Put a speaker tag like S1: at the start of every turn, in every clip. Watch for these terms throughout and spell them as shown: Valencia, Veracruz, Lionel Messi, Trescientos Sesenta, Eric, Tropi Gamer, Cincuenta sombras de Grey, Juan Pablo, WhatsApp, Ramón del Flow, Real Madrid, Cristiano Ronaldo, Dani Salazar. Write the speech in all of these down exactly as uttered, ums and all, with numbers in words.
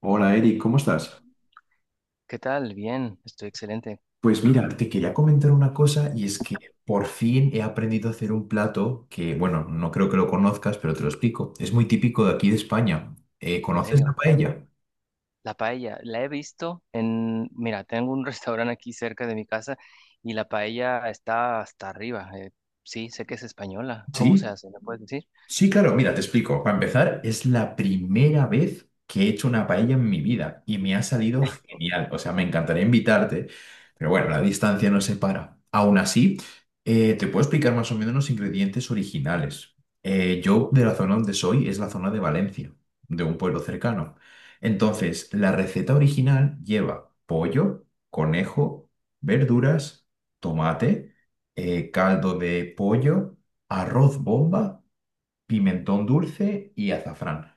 S1: Hola Eric, ¿cómo estás?
S2: ¿Qué tal? Bien, estoy excelente,
S1: Pues mira, te quería comentar una cosa y es que por fin he aprendido a hacer un plato que, bueno, no creo que lo conozcas, pero te lo explico. Es muy típico de aquí de España. Eh,
S2: en
S1: ¿conoces la
S2: serio.
S1: paella?
S2: La paella, la he visto en, mira, tengo un restaurante aquí cerca de mi casa y la paella está hasta arriba. eh, sí, sé que es española. ¿Cómo se
S1: Sí.
S2: hace? ¿Me puedes decir?
S1: Sí, claro, mira, te explico. Para empezar, es la primera vez que he hecho una paella en mi vida y me ha salido genial. O sea, me encantaría invitarte, pero bueno, la distancia nos separa. Aún así, eh, te puedo explicar más o menos los ingredientes originales. Eh, yo, de la zona donde soy, es la zona de Valencia, de un pueblo cercano. Entonces, la receta original lleva pollo, conejo, verduras, tomate, eh, caldo de pollo, arroz bomba, pimentón dulce y azafrán.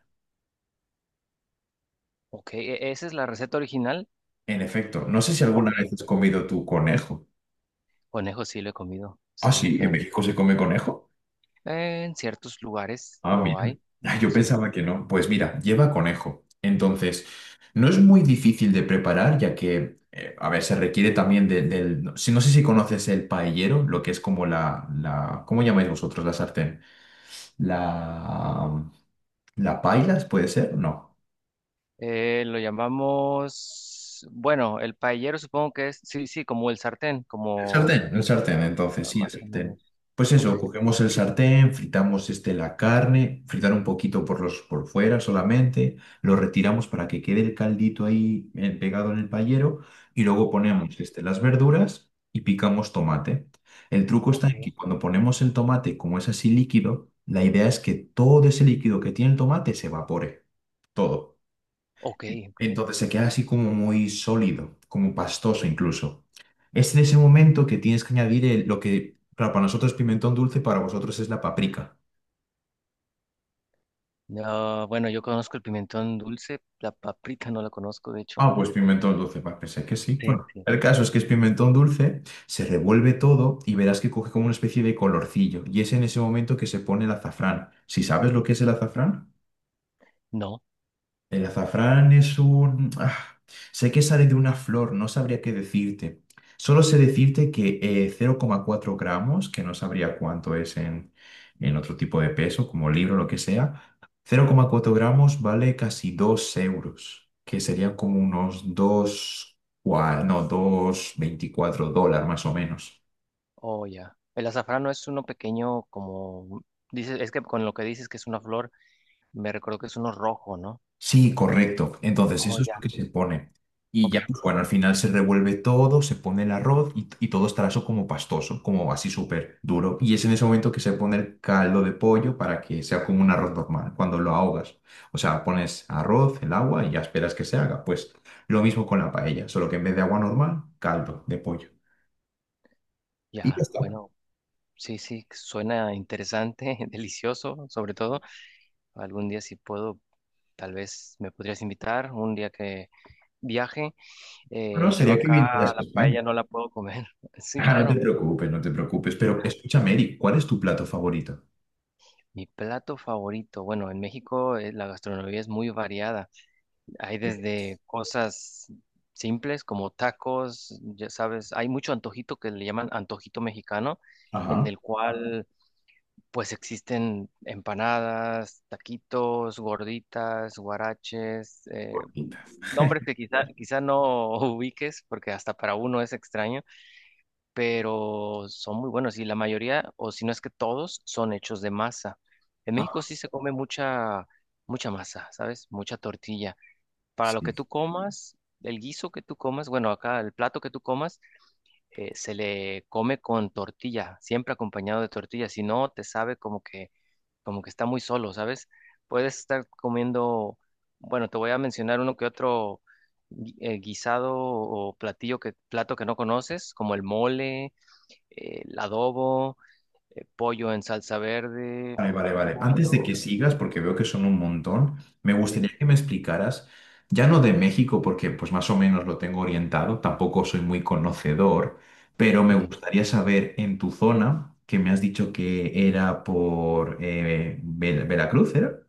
S2: Ok, ¿e- ¿esa es la receta original?
S1: En efecto, no sé si alguna
S2: Ok.
S1: vez has comido tu conejo.
S2: Conejo sí lo he comido,
S1: Ah,
S2: sí,
S1: sí, ¿en
S2: claro.
S1: México se come conejo?
S2: Eh, en ciertos lugares
S1: Ah,
S2: lo
S1: mira.
S2: hay,
S1: Ah, yo
S2: sí.
S1: pensaba que no. Pues mira, lleva conejo. Entonces, no es muy difícil de preparar, ya que, eh, a ver, se requiere también de- del. No, si- no sé si conoces el paellero, lo que es como la, la... ¿Cómo llamáis vosotros la sartén? La... ¿La pailas puede ser? No.
S2: Eh, lo llamamos, bueno, el paellero supongo que es, sí, sí, como el sartén,
S1: El
S2: como
S1: sartén, el sartén, entonces,
S2: ah,
S1: sí, el
S2: más o menos.
S1: sartén. Pues
S2: Ok.
S1: eso, cogemos el sartén, fritamos este, la carne, fritar un poquito por los, por fuera solamente, lo retiramos para que quede el caldito ahí eh, pegado en el payero y luego ponemos este, las verduras y picamos tomate. El truco está
S2: Ok,
S1: en que cuando ponemos el tomate, como es así líquido, la idea es que todo ese líquido que tiene el tomate se evapore, todo.
S2: ok, ok.
S1: Entonces se queda así como muy sólido, como pastoso incluso. Es en ese momento que tienes que añadir el- lo que, claro, para nosotros es pimentón dulce, para vosotros es la paprika.
S2: No, bueno, yo conozco el pimentón dulce, la paprika no la conozco, de hecho.
S1: Ah, pues pimentón dulce, va, pensé que sí.
S2: Sí,
S1: Bueno,
S2: sí.
S1: el caso es que es pimentón dulce, se revuelve todo y verás que coge como una especie de colorcillo. Y es en ese momento que se pone el azafrán. Si ¿sabes lo que es el azafrán?
S2: No,
S1: El azafrán es un... ah, Sé que sale de una flor, no sabría qué decirte. Solo sé decirte que eh, cero coma cuatro gramos, que no sabría cuánto es en, en otro tipo de peso, como libro o lo que sea. Cero coma cuatro gramos vale casi dos euros, que serían como unos dos cua- no, dos coma veinticuatro dólares más o menos.
S2: oh, ya. El azafrán no es uno pequeño como dices, es que con lo que dices que es una flor, me recuerdo que es uno rojo, ¿no?
S1: Sí, correcto. Entonces,
S2: Oh,
S1: eso es lo que
S2: ya.
S1: se pone. Y ya,
S2: Ok,
S1: pues bueno, al final se revuelve todo, se pone el arroz y, y todo estará eso como pastoso, como así súper duro. Y es en ese momento que se pone el caldo de pollo para que sea como un arroz normal, cuando lo ahogas. O sea, pones arroz, el agua y ya esperas que se haga. Pues lo mismo con la paella, solo que en vez de agua normal, caldo de pollo. Y ya
S2: ya,
S1: está.
S2: bueno, sí, sí, suena interesante, delicioso, sobre todo. Algún día si puedo, tal vez me podrías invitar, un día que viaje.
S1: Pero
S2: Eh, yo
S1: sería que
S2: acá
S1: vinieras a
S2: la
S1: España.
S2: paella no la puedo comer. Sí,
S1: Ah, no te
S2: claro.
S1: preocupes, no te preocupes. Pero escúchame, Eric, ¿cuál es tu plato favorito?
S2: Mi plato favorito, bueno, en México eh, la gastronomía es muy variada. Hay
S1: Eh,
S2: desde cosas simples como tacos, ya sabes, hay mucho antojito que le llaman antojito mexicano, en
S1: Ajá.
S2: el cual pues existen empanadas, taquitos, gorditas, guaraches, eh,
S1: Gorditas.
S2: nombres que quizá, quizá no ubiques porque hasta para uno es extraño, pero son muy buenos y la mayoría, o si no es que todos, son hechos de masa. En México sí se come mucha, mucha masa, ¿sabes? Mucha tortilla. Para lo que
S1: Sí.
S2: tú comas, el guiso que tú comas, bueno, acá el plato que tú comas, eh, se le come con tortilla, siempre acompañado de tortilla, si no, te sabe como que, como que está muy solo, ¿sabes? Puedes estar comiendo, bueno, te voy a mencionar uno que otro gui- eh, guisado o platillo que, plato que no conoces, como el mole, eh, el adobo, eh, pollo en salsa verde,
S1: Vale, vale, vale. Antes de que
S2: pollo.
S1: sigas, porque veo que son un montón, me
S2: Sí.
S1: gustaría que me explicaras, ya no de México, porque pues más o menos lo tengo orientado, tampoco soy muy conocedor, pero me
S2: Ujú,
S1: gustaría saber en tu zona, que me has dicho que era por eh, Ve- Veracruz, ¿era?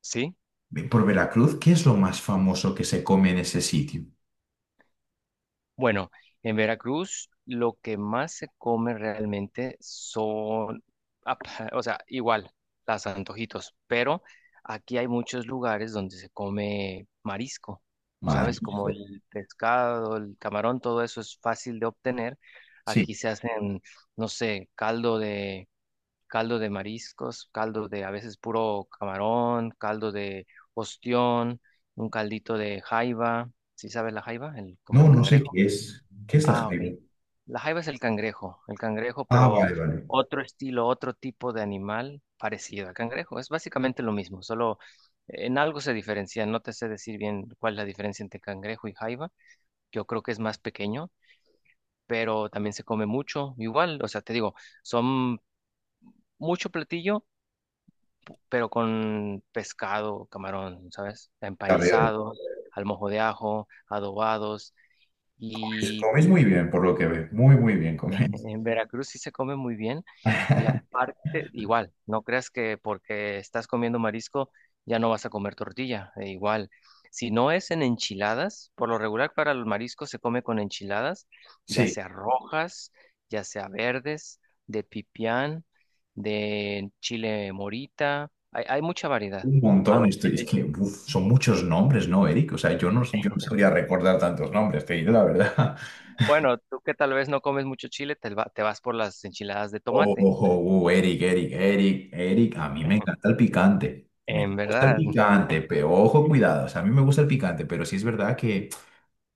S2: sí.
S1: Ve- Por Veracruz, ¿qué es lo más famoso que se come en ese sitio?
S2: Bueno, en Veracruz lo que más se come realmente son, ap- o sea, igual, las antojitos, pero aquí hay muchos lugares donde se come marisco, ¿sabes? Como
S1: Marisco.
S2: el pescado, el camarón, todo eso es fácil de obtener. Aquí
S1: Sí.
S2: se hacen, no sé, caldo de caldo de mariscos, caldo de a veces puro camarón, caldo de ostión, un caldito de jaiba. ¿Sí sabes la jaiba? El, como
S1: No,
S2: el
S1: no sé
S2: cangrejo.
S1: qué es. ¿Qué es la
S2: Ah, ok.
S1: jaiba?
S2: La jaiba es el cangrejo, el cangrejo,
S1: Ah,
S2: pero
S1: vale, vale.
S2: otro estilo, otro tipo de animal parecido al cangrejo. Es básicamente lo mismo, solo en algo se diferencia. No te sé decir bien cuál es la diferencia entre cangrejo y jaiba. Yo creo que es más pequeño, pero también se come mucho, igual. O sea, te digo, son mucho platillo pero con pescado, camarón, ¿sabes?
S1: La veo.
S2: Empanizado, al mojo de ajo, adobados.
S1: Pues
S2: Y
S1: coméis muy bien, por lo que veo. Muy, muy bien coméis.
S2: en Veracruz sí se come muy bien. Y aparte, igual, no creas que porque estás comiendo marisco ya no vas a comer tortilla, e igual. Si no es en enchiladas, por lo regular para los mariscos se come con enchiladas, ya
S1: Sí,
S2: sea rojas, ya sea verdes, de pipián, de chile morita, hay, hay mucha variedad.
S1: un montón.
S2: ¿Va? El,
S1: Estoy, es
S2: el
S1: que uf, son muchos nombres, ¿no, Eric? O sea, yo no, yo no sabría recordar tantos nombres, te digo la verdad.
S2: bueno, tú que tal vez no comes mucho chile, te, va- te vas por las enchiladas de
S1: Oh,
S2: tomate.
S1: oh,
S2: la-
S1: oh, oh, Eric, Eric, Eric, Eric. A mí me encanta el picante. Me
S2: En
S1: gusta el
S2: verdad,
S1: picante, pero ojo, cuidado. O sea, a mí me gusta el picante, pero sí es verdad que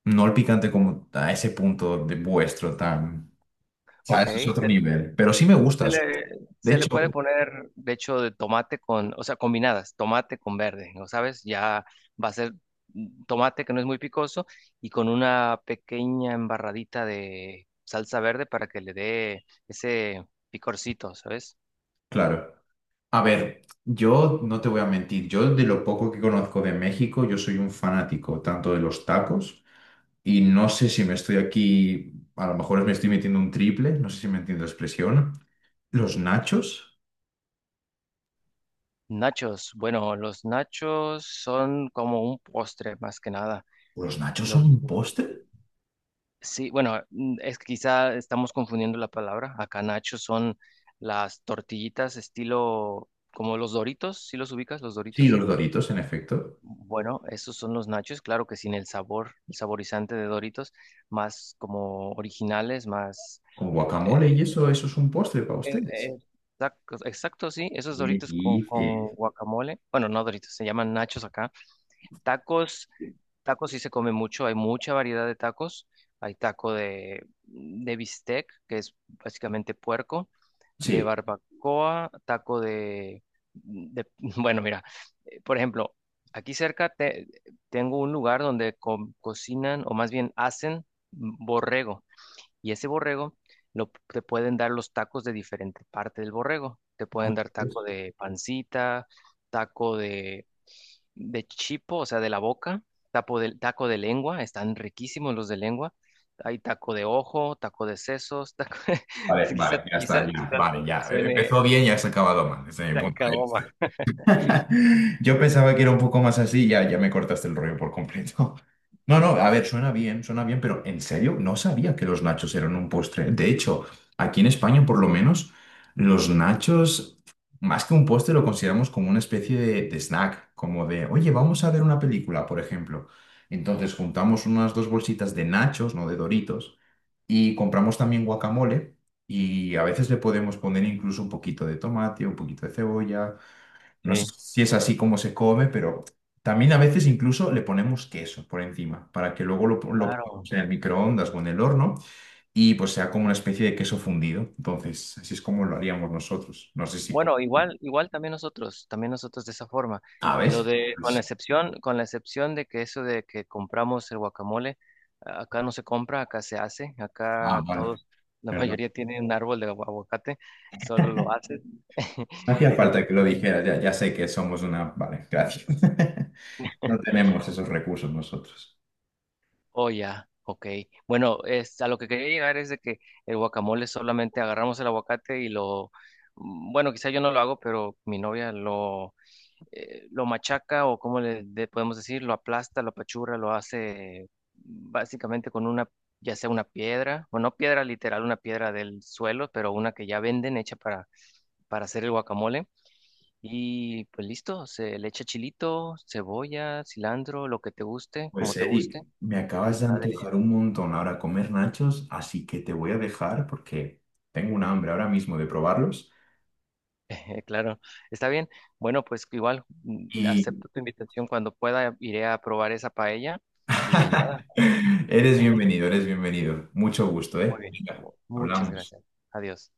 S1: no el picante como a ese punto de vuestro tan. O sea,
S2: ok.
S1: eso es otro
S2: Se,
S1: nivel. Pero sí me gusta.
S2: se le,
S1: De
S2: se le puede
S1: hecho,
S2: poner, de hecho, de tomate con, o sea, combinadas, tomate con verde, ¿no sabes? Ya va a ser mm, tomate que no es muy picoso y con una pequeña embarradita de salsa verde para que le dé ese picorcito, ¿sabes?
S1: claro. A ver, yo no te voy a mentir, yo de lo poco que conozco de México, yo soy un fanático tanto de los tacos y no sé si me estoy aquí, a lo mejor me estoy metiendo un triple, no sé si me entiendo la expresión. ¿Los nachos?
S2: Nachos, bueno, los nachos son como un postre más que nada.
S1: ¿Los nachos son
S2: Los
S1: un postre?
S2: Sí, bueno, mm, es que quizá estamos confundiendo la palabra. Acá nachos son las tortillitas estilo como los Doritos. ¿Sí los ubicas, los
S1: Sí,
S2: Doritos?
S1: los Doritos, en efecto.
S2: Bueno, esos son los nachos, claro que sin el sabor, el saborizante de Doritos, más como originales, más.
S1: Con guacamole
S2: eh,
S1: y eso, eso es un postre para
S2: eh,
S1: ustedes.
S2: eh, exacto, exacto, sí, esos
S1: ¿Qué
S2: Doritos con, con
S1: dice?
S2: guacamole, bueno, no Doritos, se llaman nachos acá. Tacos, tacos sí se come mucho, hay mucha variedad de tacos. Hay taco de, de bistec, que es básicamente puerco, de
S1: Sí.
S2: barbacoa, taco de, de- bueno, mira, eh, por ejemplo, aquí cerca te- tengo un lugar donde co- cocinan o más bien hacen borrego. Y ese borrego lo, te pueden dar los tacos de diferente parte del borrego. Te pueden dar taco de pancita, taco de de chipo, o sea, de la boca, tapo de- taco de lengua, están riquísimos los de lengua. Hay taco de ojo, taco de sesos, taco
S1: Vale,
S2: quizá,
S1: vale, ya
S2: quizá,
S1: está, ya.
S2: quizá
S1: Vale, ya.
S2: suene
S1: Empezó bien y has acabado mal, desde mi punto de
S2: tacaboma.
S1: vista. Yo pensaba que era un poco más así, ya, ya, me cortaste el rollo por completo. No, no, a ver, suena bien, suena bien, pero en serio, no sabía que los nachos eran un postre. De hecho, aquí en España, por lo menos, los nachos, más que un postre, lo consideramos como una especie de, de snack, como de, oye, vamos a ver una película, por ejemplo. Entonces, juntamos unas dos bolsitas de nachos, no de Doritos, y compramos también guacamole, y a veces le podemos poner incluso un poquito de tomate, un poquito de cebolla. No sé
S2: Sí,
S1: si es así como se come, pero también a veces incluso le ponemos queso por encima para que luego lo, lo pongamos
S2: claro.
S1: en el microondas o en el horno y pues sea como una especie de queso fundido. Entonces, así es como lo haríamos nosotros. No sé si... como-
S2: Bueno, igual, igual también nosotros, también nosotros de esa forma.
S1: Ah,
S2: Lo
S1: ¿ves?
S2: de, con la
S1: Pues-
S2: excepción, con la excepción de que eso de que compramos el guacamole, a- acá no se compra, acá se hace,
S1: ah,
S2: acá
S1: vale,
S2: todos, la
S1: perdón.
S2: mayoría tienen un árbol de agu- aguacate, solo lo hacen.
S1: No hacía falta que lo dijeras, ya, ya, sé que somos una... Vale, gracias. No tenemos esos recursos nosotros.
S2: Oh, ya, ok. Bueno, es, a lo que quería llegar es de que el guacamole solamente agarramos el aguacate y lo, mm, bueno, quizá yo no lo hago, pero mi novia lo, eh, lo machaca o como le de- podemos decir, lo aplasta, lo apachurra, lo hace básicamente con una, ya sea una piedra, o no piedra literal, una piedra del suelo, pero una que ya venden hecha para, para hacer el guacamole. Y pues listo, se le echa chilito, cebolla, cilantro, lo que te guste, como
S1: Pues
S2: te guste,
S1: Eric, me
S2: y
S1: acabas de
S2: está
S1: antojar
S2: delicioso.
S1: un montón ahora comer nachos, así que te voy a dejar porque tengo un hambre ahora mismo de probarlos.
S2: Eh, Claro, está bien. Bueno, pues igual mm,
S1: Y
S2: acepto tu invitación. Cuando pueda, iré a probar esa paella y nada, pues,
S1: eres bienvenido, eres bienvenido. Mucho gusto,
S2: muy
S1: ¿eh?
S2: bien.
S1: Venga,
S2: Mu- Muchas
S1: hablamos.
S2: gracias. Adiós.